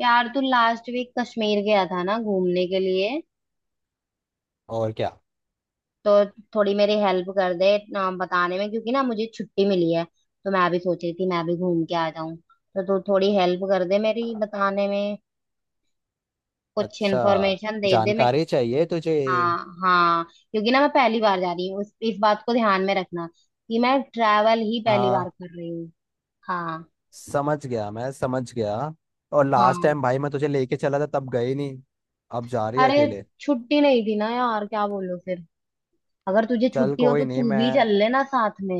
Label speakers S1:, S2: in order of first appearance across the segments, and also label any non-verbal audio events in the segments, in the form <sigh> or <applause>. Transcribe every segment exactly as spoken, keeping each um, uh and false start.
S1: यार, तू last week Kashmir गया था ना घूमने के लिए।
S2: और क्या।
S1: तो थोड़ी मेरी हेल्प कर दे ना बताने में, क्योंकि ना मुझे छुट्टी मिली है। तो मैं भी सोच रही थी मैं भी घूम के आ जाऊं, तो तू थोड़ी हेल्प कर दे मेरी बताने में। कुछ
S2: अच्छा,
S1: इन्फॉर्मेशन दे दे। मैं…
S2: जानकारी चाहिए तुझे?
S1: हाँ। हाँ। क्योंकि ना मैं पहली बार जा रही हूँ, उस इस बात को ध्यान में रखना कि मैं ट्रैवल ही पहली
S2: हाँ,
S1: बार कर रही हूँ। हाँ।
S2: समझ गया, मैं समझ गया। और लास्ट
S1: हाँ।
S2: टाइम भाई मैं तुझे लेके चला था, तब गई नहीं, अब जा रही है
S1: अरे,
S2: अकेले।
S1: छुट्टी नहीं थी ना यार, क्या बोलूं फिर। अगर तुझे
S2: चल
S1: छुट्टी हो
S2: कोई
S1: तो
S2: नहीं,
S1: तू
S2: मैं
S1: भी चल लेना साथ में।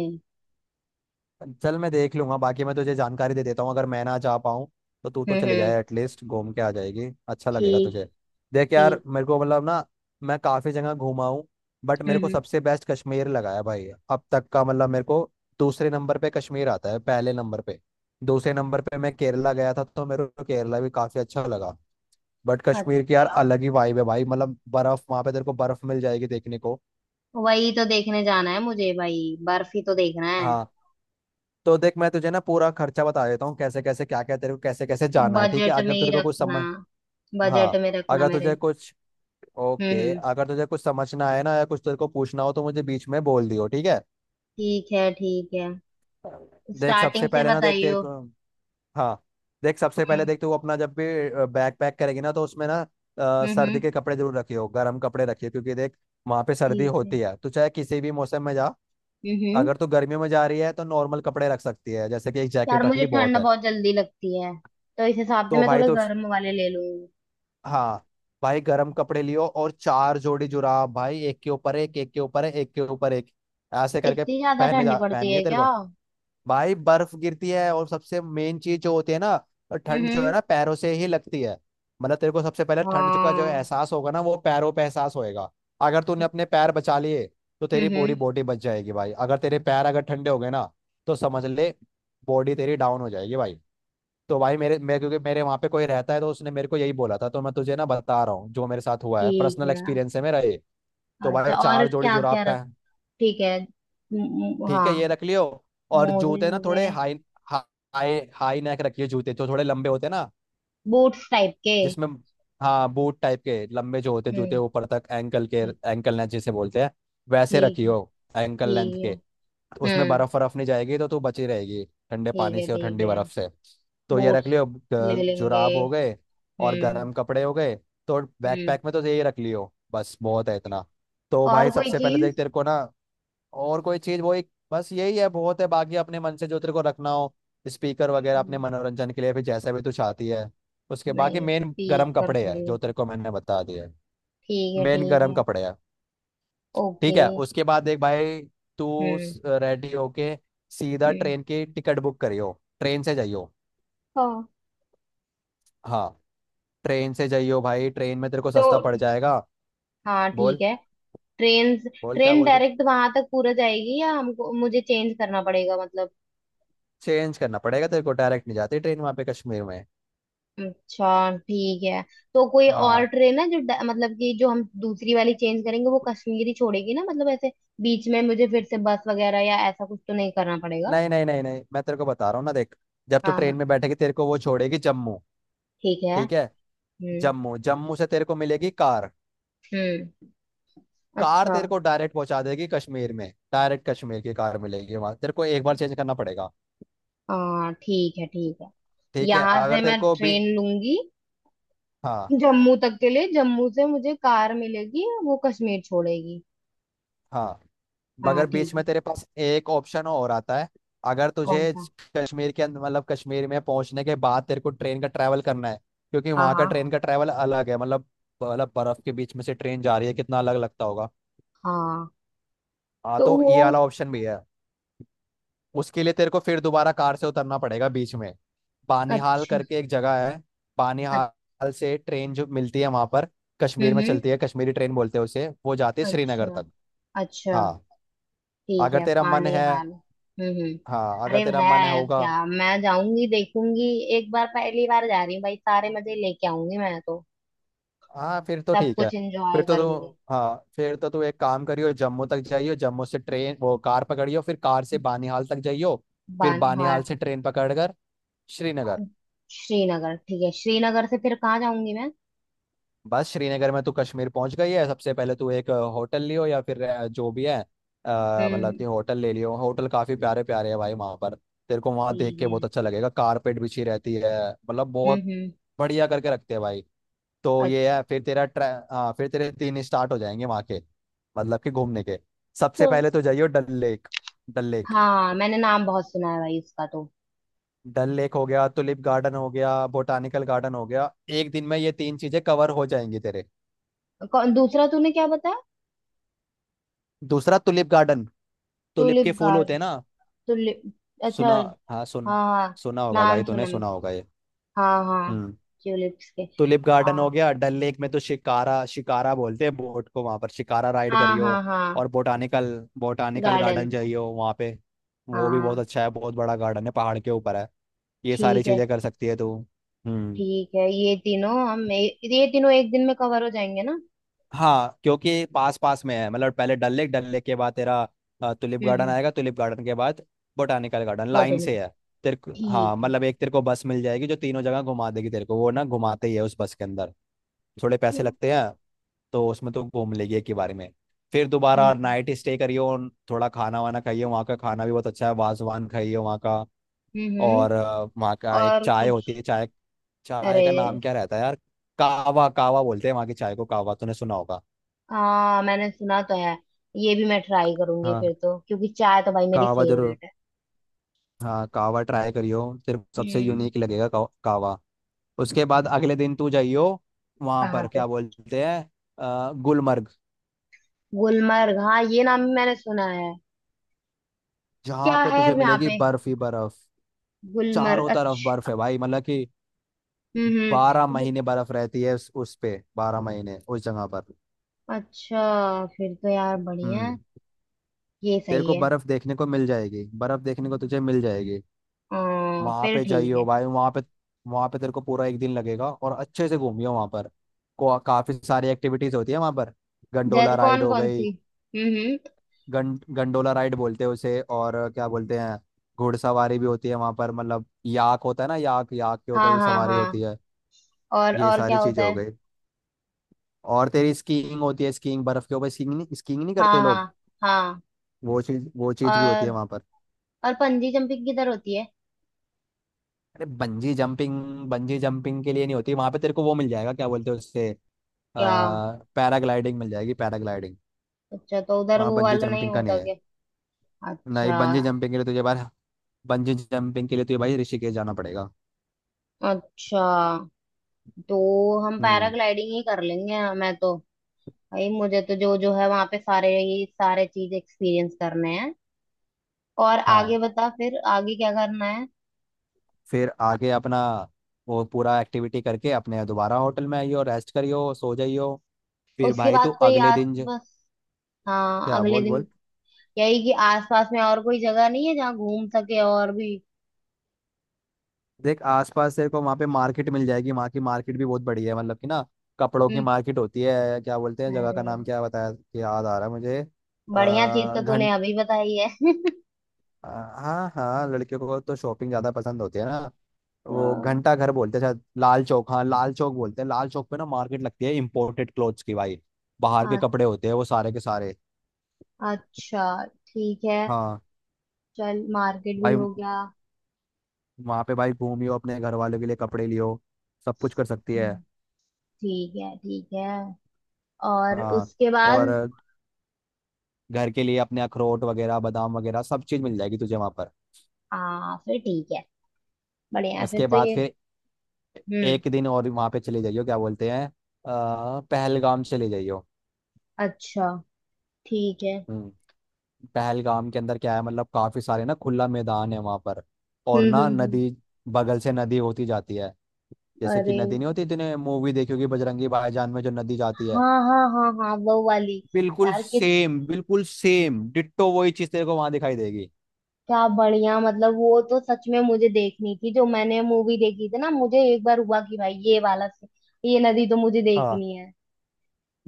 S2: चल मैं देख लूंगा, बाकी मैं तुझे जानकारी दे देता हूँ। अगर मैं ना जा पाऊँ तो तू तो
S1: हम्म
S2: चले
S1: हम्म।
S2: जाए, एटलीस्ट घूम के आ जाएगी, अच्छा लगेगा
S1: ठीक।
S2: तुझे। देख यार
S1: ठीक।
S2: मेरे को मतलब ना, मैं काफ़ी जगह घूमा हूँ, बट
S1: हम्म
S2: मेरे को
S1: हम्म।
S2: सबसे बेस्ट कश्मीर लगा है भाई अब तक का, मतलब मेरे को दूसरे नंबर पे कश्मीर आता है। पहले नंबर पे दूसरे नंबर पे मैं केरला गया था, तो मेरे को केरला भी काफ़ी अच्छा लगा। बट कश्मीर की यार
S1: अच्छा,
S2: अलग ही वाइब है भाई, मतलब बर्फ़, वहाँ पे तेरे को बर्फ़ मिल जाएगी देखने को।
S1: वही तो देखने जाना है मुझे भाई, बर्फी तो देखना है।
S2: हाँ तो देख, मैं तुझे ना पूरा खर्चा बता देता हूँ, कैसे कैसे क्या क्या तेरे को कैसे कैसे जाना है। ठीक है?
S1: बजट में
S2: अगर
S1: ही
S2: तेरे को कुछ
S1: रखना।
S2: समझ,
S1: बजट
S2: हाँ,
S1: में रखना
S2: अगर तुझे
S1: मेरे।
S2: कुछ,
S1: हम्म
S2: ओके,
S1: हम्म।
S2: अगर तुझे कुछ समझना है ना या कुछ तेरे को पूछना हो तो मुझे बीच में बोल दियो, ठीक है?
S1: ठीक है। ठीक है।
S2: देख
S1: स्टार्टिंग
S2: सबसे
S1: से
S2: पहले ना, देख तेरे
S1: बताइयो।
S2: को, हाँ, देख सबसे पहले
S1: हम्म।
S2: देख, तू अपना जब भी बैग पैक करेगी ना, तो उसमें ना अ,
S1: हम्म हम्म।
S2: सर्दी के कपड़े जरूर रखियो, गर्म कपड़े रखियो, क्योंकि देख वहाँ पे सर्दी
S1: ठीक है।
S2: होती है, तो चाहे किसी भी मौसम में जा।
S1: हम्म हम्म।
S2: अगर तू गर्मियों में जा रही है तो नॉर्मल कपड़े रख सकती है, जैसे कि एक
S1: यार,
S2: जैकेट रख
S1: मुझे
S2: ली बहुत
S1: ठंड
S2: है।
S1: बहुत जल्दी लगती है, तो इस हिसाब से
S2: तो
S1: मैं
S2: भाई
S1: थोड़े
S2: तो,
S1: गर्म वाले ले लूंगी।
S2: हाँ, भाई गर्म कपड़े लियो और चार जोड़ी जुराब भाई, एक के ऊपर एक एक के ऊपर एक एक के ऊपर एक, ऐसे करके
S1: इतनी ज्यादा
S2: पहनने
S1: ठंडी
S2: जा,
S1: पड़ती
S2: पहननी
S1: है
S2: है तेरे
S1: क्या?
S2: को।
S1: हम्म।
S2: भाई बर्फ गिरती है और सबसे मेन चीज जो होती है ना, ठंड जो है
S1: हम्म,
S2: ना पैरों से ही लगती है। मतलब तेरे को सबसे पहले ठंड का जो
S1: हाँ।
S2: एहसास होगा ना वो पैरों पे एहसास होएगा। अगर तूने अपने पैर बचा लिए तो
S1: हम्म
S2: तेरी
S1: हम्म।
S2: पूरी बॉडी बच जाएगी भाई। अगर तेरे पैर अगर ठंडे हो गए ना, तो समझ ले, बॉडी तेरी डाउन हो जाएगी भाई। तो भाई मेरे मेरे क्योंकि मेरे वहां पे कोई रहता है तो उसने मेरे को यही बोला था, तो मैं तुझे ना बता रहा हूँ, जो मेरे साथ हुआ है,
S1: ठीक
S2: पर्सनल
S1: है।
S2: एक्सपीरियंस है मेरा ये। तो
S1: अच्छा,
S2: भाई
S1: और
S2: चार जोड़ी
S1: क्या
S2: जुराब
S1: क्या?
S2: पहन,
S1: ठीक है। म- म-
S2: ठीक
S1: हाँ।
S2: है, ये रख लियो। और
S1: मोजे
S2: जूते ना
S1: हो
S2: थोड़े
S1: गए।
S2: हाई हाई हाई नेक रखिए, जूते जो थोड़े लंबे होते हैं ना,
S1: बूट्स टाइप के।
S2: जिसमें, हाँ बूट टाइप के लंबे जो होते हैं जूते,
S1: हम्म।
S2: ऊपर तक एंकल के,
S1: ठीक।
S2: एंकल लेंथ जिसे बोलते हैं, वैसे
S1: ठीक है।
S2: रखियो, एंकल लेंथ
S1: ठीक है।
S2: के। उसमें
S1: हम्म।
S2: बर्फ बर्फ नहीं जाएगी तो तू बची रहेगी ठंडे
S1: ठीक
S2: पानी
S1: है।
S2: से और
S1: ठीक
S2: ठंडी
S1: है।
S2: बर्फ से। तो ये रख
S1: बूट्स
S2: लियो,
S1: ले
S2: ग-
S1: लेंगे।
S2: जुराब हो गए और
S1: हम्म।
S2: गर्म कपड़े हो गए, तो
S1: हम्म।
S2: बैकपैक में तो यही रख लियो बस, बहुत है इतना। तो
S1: और
S2: भाई
S1: कोई
S2: सबसे पहले देख
S1: चीज?
S2: तेरे को ना, और कोई चीज, वो एक बस यही है, बहुत है, बाकी अपने मन से जो तेरे को रखना हो, स्पीकर वगैरह अपने
S1: ठीक।
S2: मनोरंजन के लिए, फिर जैसा भी तू चाहती है। उसके बाकी
S1: नहीं,
S2: मेन गर्म
S1: स्पीकर
S2: कपड़े है
S1: थोड़ी।
S2: जो तेरे को मैंने बता दिया,
S1: ठीक है।
S2: मेन
S1: ठीक
S2: गर्म
S1: है।
S2: कपड़े है।
S1: ओके।
S2: ठीक है, उसके बाद देख भाई, तू
S1: हम्म
S2: रेडी होके सीधा
S1: हम्म।
S2: ट्रेन की टिकट बुक करियो, ट्रेन से जाइयो,
S1: हाँ।
S2: हाँ ट्रेन से जाइयो भाई, ट्रेन में तेरे को
S1: तो
S2: सस्ता पड़ जाएगा।
S1: हाँ, ठीक
S2: बोल,
S1: है। ट्रेन।
S2: बोल क्या
S1: ट्रेन
S2: बोल रहे।
S1: डायरेक्ट वहां तक पूरा जाएगी या हमको, मुझे चेंज करना पड़ेगा मतलब?
S2: चेंज करना पड़ेगा तेरे को, डायरेक्ट नहीं जाती ट्रेन वहाँ पे कश्मीर में।
S1: अच्छा, ठीक है। तो कोई और
S2: हाँ,
S1: ट्रेन है जो ड- मतलब कि जो हम दूसरी वाली चेंज करेंगे वो कश्मीरी छोड़ेगी ना, मतलब ऐसे? बीच में मुझे फिर से बस वगैरह या ऐसा कुछ तो नहीं करना पड़ेगा?
S2: नहीं नहीं नहीं नहीं, मैं तेरे को बता रहा हूँ ना, देख, जब तू
S1: हाँ
S2: ट्रेन
S1: बस,
S2: में बैठेगी तेरे को वो छोड़ेगी जम्मू।
S1: ठीक है।
S2: ठीक है,
S1: हम्म
S2: जम्मू, जम्मू से तेरे को मिलेगी कार,
S1: हम्म।
S2: कार
S1: अच्छा,
S2: तेरे को डायरेक्ट पहुंचा देगी कश्मीर में, डायरेक्ट कश्मीर की कार मिलेगी, वहां तेरे को एक बार चेंज करना पड़ेगा।
S1: हाँ ठीक है, ठीक है।
S2: ठीक है,
S1: यहाँ से
S2: अगर तेरे
S1: मैं
S2: को भी,
S1: ट्रेन लूंगी
S2: हाँ,
S1: जम्मू तक के लिए, जम्मू से मुझे कार मिलेगी, वो कश्मीर छोड़ेगी।
S2: हाँ।
S1: हाँ
S2: मगर
S1: ठीक
S2: बीच में
S1: है।
S2: तेरे पास एक ऑप्शन और आता है, अगर तुझे
S1: कौन सा?
S2: कश्मीर के अंदर मतलब कश्मीर में पहुंचने के बाद तेरे को ट्रेन का ट्रैवल करना है, क्योंकि
S1: हाँ
S2: वहां का
S1: हाँ
S2: ट्रेन का ट्रैवल अलग है, मतलब मतलब बर्फ के बीच में से ट्रेन जा रही है, कितना अलग लगता होगा।
S1: हाँ।
S2: हाँ
S1: तो
S2: तो ये वाला
S1: वो…
S2: ऑप्शन भी है। उसके लिए तेरे को फिर दोबारा कार से उतरना पड़ेगा बीच में, बानिहाल
S1: अच्छा।
S2: करके एक जगह है,
S1: अच्छा।
S2: बानिहाल से ट्रेन जो मिलती है वहां पर कश्मीर
S1: हम्म
S2: में
S1: हम्म।
S2: चलती है, कश्मीरी ट्रेन बोलते हैं उसे, वो जाती है श्रीनगर
S1: अच्छा।
S2: तक।
S1: अच्छा।
S2: हाँ
S1: ठीक
S2: अगर
S1: है,
S2: तेरा मन है,
S1: पानीहाल। हम्म हम्म।
S2: हाँ अगर
S1: अरे,
S2: तेरा मन है
S1: है
S2: होगा,
S1: क्या, मैं जाऊंगी देखूंगी। एक बार पहली बार जा रही हूँ भाई, सारे मजे लेके आऊंगी मैं तो।
S2: हाँ फिर तो
S1: सब
S2: ठीक है।
S1: कुछ
S2: फिर
S1: एंजॉय
S2: तो तू,
S1: करूंगी।
S2: हाँ फिर तो तू एक काम करियो, जम्मू तक जाइयो, जम्मू से ट्रेन वो कार पकड़ियो, फिर कार से बानीहाल तक जाइयो, फिर
S1: बानीहाल
S2: बानीहाल से
S1: ठीक
S2: ट्रेन पकड़ कर श्रीनगर।
S1: है। श्रीनगर ठीक है। श्रीनगर से फिर कहाँ जाऊंगी मैं?
S2: बस श्रीनगर में तू कश्मीर पहुंच गई है। सबसे पहले तू एक अ, होटल लियो या फिर अ, जो भी है, अ,
S1: हम्म
S2: मतलब
S1: हम्म।
S2: कि होटल ले लियो। होटल काफी प्यारे प्यारे है भाई वहां पर, तेरे को वहां देख के बहुत
S1: ठीक
S2: अच्छा लगेगा, कारपेट बिछी रहती है, मतलब
S1: है।
S2: बहुत
S1: हम्म हम्म।
S2: बढ़िया करके रखते हैं भाई। तो ये है, फिर तेरा ट्रै हाँ फिर तेरे तीन स्टार्ट हो जाएंगे वहाँ के, मतलब कि घूमने के।
S1: अच्छा।
S2: सबसे पहले तो जाइयो डल लेक, डल लेक।
S1: हाँ, मैंने नाम बहुत सुना है भाई इसका तो।
S2: डल लेक हो गया, टुलिप गार्डन हो गया, बोटानिकल गार्डन हो गया। एक दिन में ये तीन चीजें कवर हो जाएंगी तेरे।
S1: कौन दूसरा, तूने क्या बताया?
S2: दूसरा टुलिप गार्डन, टुलिप
S1: टूलिप
S2: के फूल होते
S1: गार्ड
S2: हैं ना,
S1: टूलिप। अच्छा।
S2: सुना?
S1: हाँ
S2: हाँ सुन,
S1: हाँ,
S2: सुना होगा
S1: नाम
S2: भाई
S1: सुना।
S2: तूने, सुना होगा ये।
S1: हाँ हाँ।
S2: हम्म।
S1: ट्यूलिप्स के।
S2: टुलिप गार्डन हो
S1: हाँ
S2: गया, डल लेक में तो शिकारा, शिकारा बोलते हैं बोट को वहां पर, शिकारा राइड
S1: हाँ
S2: करियो।
S1: हाँ हाँ।
S2: और बोटानिकल, बोटानिकल
S1: गार्डन।
S2: गार्डन जाइयो वहां पे, वो भी बहुत
S1: हाँ।
S2: अच्छा है, बहुत बड़ा गार्डन है, पहाड़ के ऊपर है। ये सारी
S1: ठीक है।
S2: चीजें कर सकती है तू। हम्म।
S1: ठीक है, ये तीनों हम ए, ये तीनों एक दिन में कवर हो जाएंगे ना?
S2: हाँ क्योंकि पास पास में है, मतलब पहले डल लेक, डल लेक के बाद तेरा अ, टुलिप
S1: हम्म
S2: गार्डन
S1: हम्म।
S2: आएगा, टुलिप गार्डन के बाद बोटानिकल गार्डन, लाइन
S1: बॉटनी का।
S2: से है तेरे को।
S1: ठीक
S2: हाँ
S1: है।
S2: मतलब एक तेरे को बस मिल जाएगी जो तीनों जगह घुमा देगी तेरे को, वो ना घुमाते ही है उस बस के अंदर, थोड़े पैसे
S1: हम्म।
S2: लगते हैं, तो उसमें तो घूम लेगी एक ही बारे में। फिर दोबारा
S1: ठीक है।
S2: नाइट स्टे करियो। थोड़ा खाना वाना खाइए, वहाँ का खाना भी बहुत अच्छा है, वाजवान खाइए वहाँ का।
S1: हम्म हम्म।
S2: और अ, वहाँ का एक
S1: और
S2: चाय
S1: कुछ?
S2: होती है, चाय, चाय
S1: अरे,
S2: का नाम क्या रहता है यार, कावा, कावा बोलते हैं वहाँ की चाय को, कावा तूने सुना होगा।
S1: हाँ मैंने सुना तो है। ये भी मैं ट्राई करूंगी
S2: हाँ
S1: फिर तो, क्योंकि चाय तो भाई मेरी
S2: कावा जरूर,
S1: फेवरेट है।
S2: हाँ कावा ट्राई करियो, सिर्फ सबसे
S1: हम्म।
S2: यूनिक लगेगा, काव- कावा। उसके बाद अगले दिन तू जाइयो वहां
S1: कहाँ
S2: पर,
S1: पे?
S2: क्या बोलते हैं, अ, गुलमर्ग,
S1: गुलमर्ग, हाँ ये नाम भी मैंने सुना है।
S2: जहाँ
S1: क्या
S2: पे
S1: है
S2: तुझे
S1: यहाँ
S2: मिलेगी
S1: पे?
S2: बर्फ ही बर्फ।
S1: गुलमर्ग।
S2: चारों तरफ
S1: अच्छा।
S2: बर्फ है भाई, मतलब कि
S1: हम्म
S2: बारह
S1: हम्म।
S2: महीने बर्फ रहती है उस, उस पे, बारह महीने उस जगह पर।
S1: अच्छा, फिर तो यार बढ़िया है।
S2: हम्म।
S1: ये
S2: तेरे
S1: सही
S2: को
S1: है।
S2: बर्फ देखने को मिल जाएगी, बर्फ देखने को तुझे मिल जाएगी,
S1: हाँ
S2: वहां
S1: फिर
S2: पे
S1: ठीक है।
S2: जाइयो भाई, वहां पे वहां पे तेरे को पूरा एक दिन लगेगा, और अच्छे से घूमियो वहां पर। को, काफी सारी एक्टिविटीज होती है वहां पर, गंडोला
S1: जैसे
S2: राइड
S1: कौन
S2: हो
S1: कौन
S2: गई,
S1: सी? हम्म हम्म।
S2: गं, गंडोला राइड बोलते हैं उसे, और क्या बोलते हैं, घुड़सवारी भी होती है वहां पर, मतलब याक होता है ना, याक, याक के ऊपर
S1: हाँ
S2: भी
S1: हाँ
S2: सवारी होती
S1: हाँ।
S2: है,
S1: और
S2: ये
S1: और क्या
S2: सारी
S1: होता
S2: चीजें हो
S1: है?
S2: गई। और तेरी स्कीइंग होती है, स्कीइंग बर्फ के ऊपर, स्कीइंग नहीं, स्कीइंग नहीं
S1: हाँ
S2: करते लोग,
S1: हाँ हाँ।
S2: वो चीज वो चीज भी होती है
S1: और
S2: वहां पर।
S1: और पंजी जंपिंग किधर होती है?
S2: अरे बंजी जंपिंग, बंजी जंपिंग के लिए नहीं होती वहां पे, तेरे को वो मिल जाएगा, क्या बोलते हैं उससे, आ,
S1: क्या?
S2: पैराग्लाइडिंग मिल जाएगी, पैराग्लाइडिंग।
S1: अच्छा, तो उधर
S2: वहाँ
S1: वो
S2: बंजी
S1: वाला नहीं
S2: जंपिंग का नहीं
S1: होता
S2: है।
S1: क्या?
S2: नहीं
S1: अच्छा।
S2: बंजी जंपिंग के लिए तुझे बार बंजी जंपिंग के लिए तुझे भाई ऋषिकेश जाना पड़ेगा।
S1: अच्छा, तो हम
S2: हम्म,
S1: पैराग्लाइडिंग ही कर लेंगे मैं तो। भाई, मुझे तो जो जो है वहां पे सारे, ये सारे चीज एक्सपीरियंस करने हैं। और
S2: हाँ
S1: आगे बता, फिर आगे क्या करना है?
S2: फिर आगे अपना वो पूरा एक्टिविटी करके अपने दोबारा होटल में आइयो, रेस्ट करियो, सो जाइयो। फिर
S1: उसके
S2: भाई तू
S1: बाद कोई
S2: अगले
S1: आस…
S2: दिन ज-
S1: बस। हाँ,
S2: क्या
S1: अगले
S2: बोल, बोल।
S1: दिन। यही कि आस पास में और कोई जगह नहीं है जहाँ घूम सके और भी?
S2: देख आसपास तेरे को वहाँ पे मार्केट मिल जाएगी, वहाँ की मार्केट भी बहुत बढ़िया है, मतलब कि ना कपड़ों की
S1: हम्म।
S2: मार्केट होती है, क्या बोलते हैं जगह का
S1: अरे,
S2: नाम, क्या बताया कि याद आ रहा है मुझे, अ,
S1: बढ़िया चीज तो तूने
S2: घंट
S1: अभी बताई है <laughs>
S2: अ, हाँ हाँ लड़कियों को तो शॉपिंग ज़्यादा पसंद होती है ना, वो
S1: हाँ।
S2: घंटा घर बोलते हैं शायद, लाल चौक, हाँ लाल चौक बोलते हैं, लाल चौक पे ना मार्केट लगती है इम्पोर्टेड क्लोथ्स की भाई, बाहर के
S1: अ-
S2: कपड़े होते हैं वो सारे के सारे।
S1: अच्छा, ठीक है।
S2: हाँ
S1: चल, मार्केट भी
S2: भाई
S1: हो गया।
S2: वहाँ पे भाई घूमियो, अपने घर वालों के लिए कपड़े लियो, सब कुछ कर सकती
S1: हम्म।
S2: है।
S1: ठीक है, ठीक है। और
S2: हाँ
S1: उसके
S2: और
S1: बाद?
S2: घर के लिए अपने अखरोट वगैरह बादाम वगैरह सब चीज़ मिल जाएगी तुझे वहाँ पर।
S1: हाँ, फिर ठीक है, बढ़िया है फिर
S2: उसके
S1: तो
S2: बाद
S1: ये।
S2: फिर
S1: हम्म।
S2: एक दिन और वहाँ पे चले जाइयो, क्या बोलते हैं, अ, पहलगाम चले जाइयो।
S1: अच्छा ठीक है।
S2: हम्म, पहलगाम के अंदर क्या है, मतलब काफ़ी सारे ना खुला मैदान है वहाँ पर, और
S1: हम्म
S2: ना
S1: हम्म हम्म।
S2: नदी, बगल से नदी होती जाती है, जैसे कि
S1: अरे,
S2: नदी नहीं होती तूने मूवी देखी होगी बजरंगी भाईजान में जो नदी जाती है,
S1: हाँ हाँ हाँ हाँ, वो वाली।
S2: बिल्कुल
S1: यार कित
S2: सेम, बिल्कुल सेम डिट्टो वही चीज़ तेरे को वहाँ दिखाई देगी।
S1: क्या बढ़िया, मतलब वो तो सच में मुझे देखनी थी, जो मैंने मूवी देखी थी ना, मुझे एक बार हुआ कि भाई ये वाला से ये नदी तो मुझे
S2: हाँ
S1: देखनी है।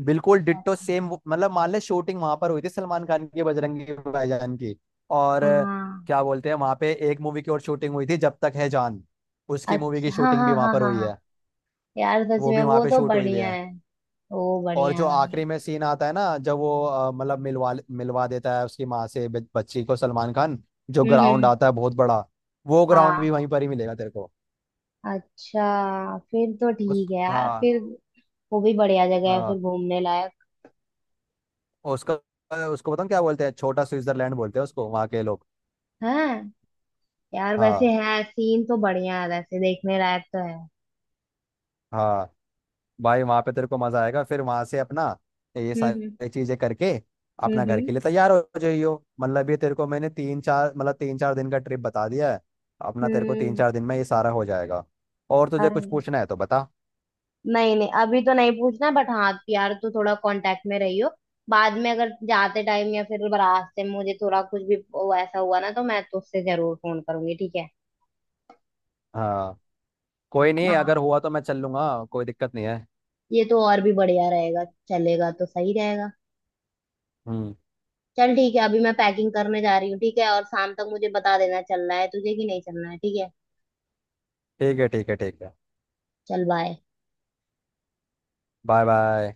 S2: बिल्कुल डिट्टो सेम, मतलब मान ले शूटिंग वहां पर हुई थी सलमान खान की बजरंगी भाईजान की। और अ,
S1: हाँ।
S2: क्या बोलते हैं, वहां पे एक मूवी की और शूटिंग हुई थी, जब तक है जान, उसकी मूवी
S1: अच्छा,
S2: की
S1: हाँ
S2: शूटिंग भी
S1: हाँ
S2: वहां
S1: हाँ
S2: पर
S1: हाँ
S2: हुई
S1: हाँ।
S2: है,
S1: यार सच
S2: वो
S1: में
S2: भी वहां
S1: वो
S2: पे
S1: तो
S2: शूट हुई हुई है
S1: बढ़िया है। वो
S2: और
S1: बढ़िया है
S2: जो आखिरी
S1: भाई।
S2: में सीन आता है ना, जब वो अ, मतलब मिलवा मिलवा देता है उसकी माँ से ब- बच्ची को सलमान खान, जो
S1: हम्म
S2: ग्राउंड
S1: हम्म।
S2: आता है बहुत बड़ा, वो ग्राउंड भी
S1: हाँ।
S2: वहीं पर ही मिलेगा तेरे को।
S1: अच्छा फिर तो
S2: उस,
S1: ठीक है यार
S2: हाँ,
S1: फिर। वो भी बढ़िया जगह है
S2: हाँ,
S1: फिर घूमने लायक
S2: उसका, उसको बताऊँ क्या बोलते हैं, छोटा स्विट्जरलैंड बोलते हैं उसको वहाँ के लोग।
S1: है। यार, वैसे
S2: हाँ,
S1: है, सीन तो बढ़िया है वैसे, देखने लायक तो है।
S2: हाँ भाई वहां पे तेरे को मजा आएगा। फिर वहां से अपना ये
S1: हम्म हम्म
S2: सारी चीजें करके
S1: हम्म
S2: अपना घर
S1: हम्म
S2: के लिए तैयार हो जाइयो। मतलब ये तेरे को मैंने तीन चार मतलब तीन चार दिन का ट्रिप बता दिया है, अपना तेरे को तीन
S1: हम्म।
S2: चार दिन में ये सारा हो जाएगा, और तुझे
S1: अरे,
S2: कुछ पूछना है तो बता।
S1: नहीं नहीं, अभी तो नहीं पूछना, बट हाँ यार तू थोड़ा कांटेक्ट में रही हो। बाद में अगर जाते टाइम या फिर रास्ते में मुझे थोड़ा कुछ भी वो ऐसा हुआ ना तो मैं तुझसे जरूर फोन करूंगी, ठीक है?
S2: हाँ कोई नहीं, अगर
S1: हाँ।
S2: हुआ तो मैं चल लूंगा, कोई दिक्कत नहीं है।
S1: ये तो और भी बढ़िया रहेगा। चलेगा तो सही रहेगा।
S2: हम्म,
S1: चल ठीक है, अभी मैं पैकिंग करने जा रही हूँ, ठीक है? और शाम तक मुझे बता देना चलना है तुझे कि नहीं चलना है, ठीक है?
S2: ठीक है ठीक है ठीक है।
S1: चल, बाय।
S2: Bye bye.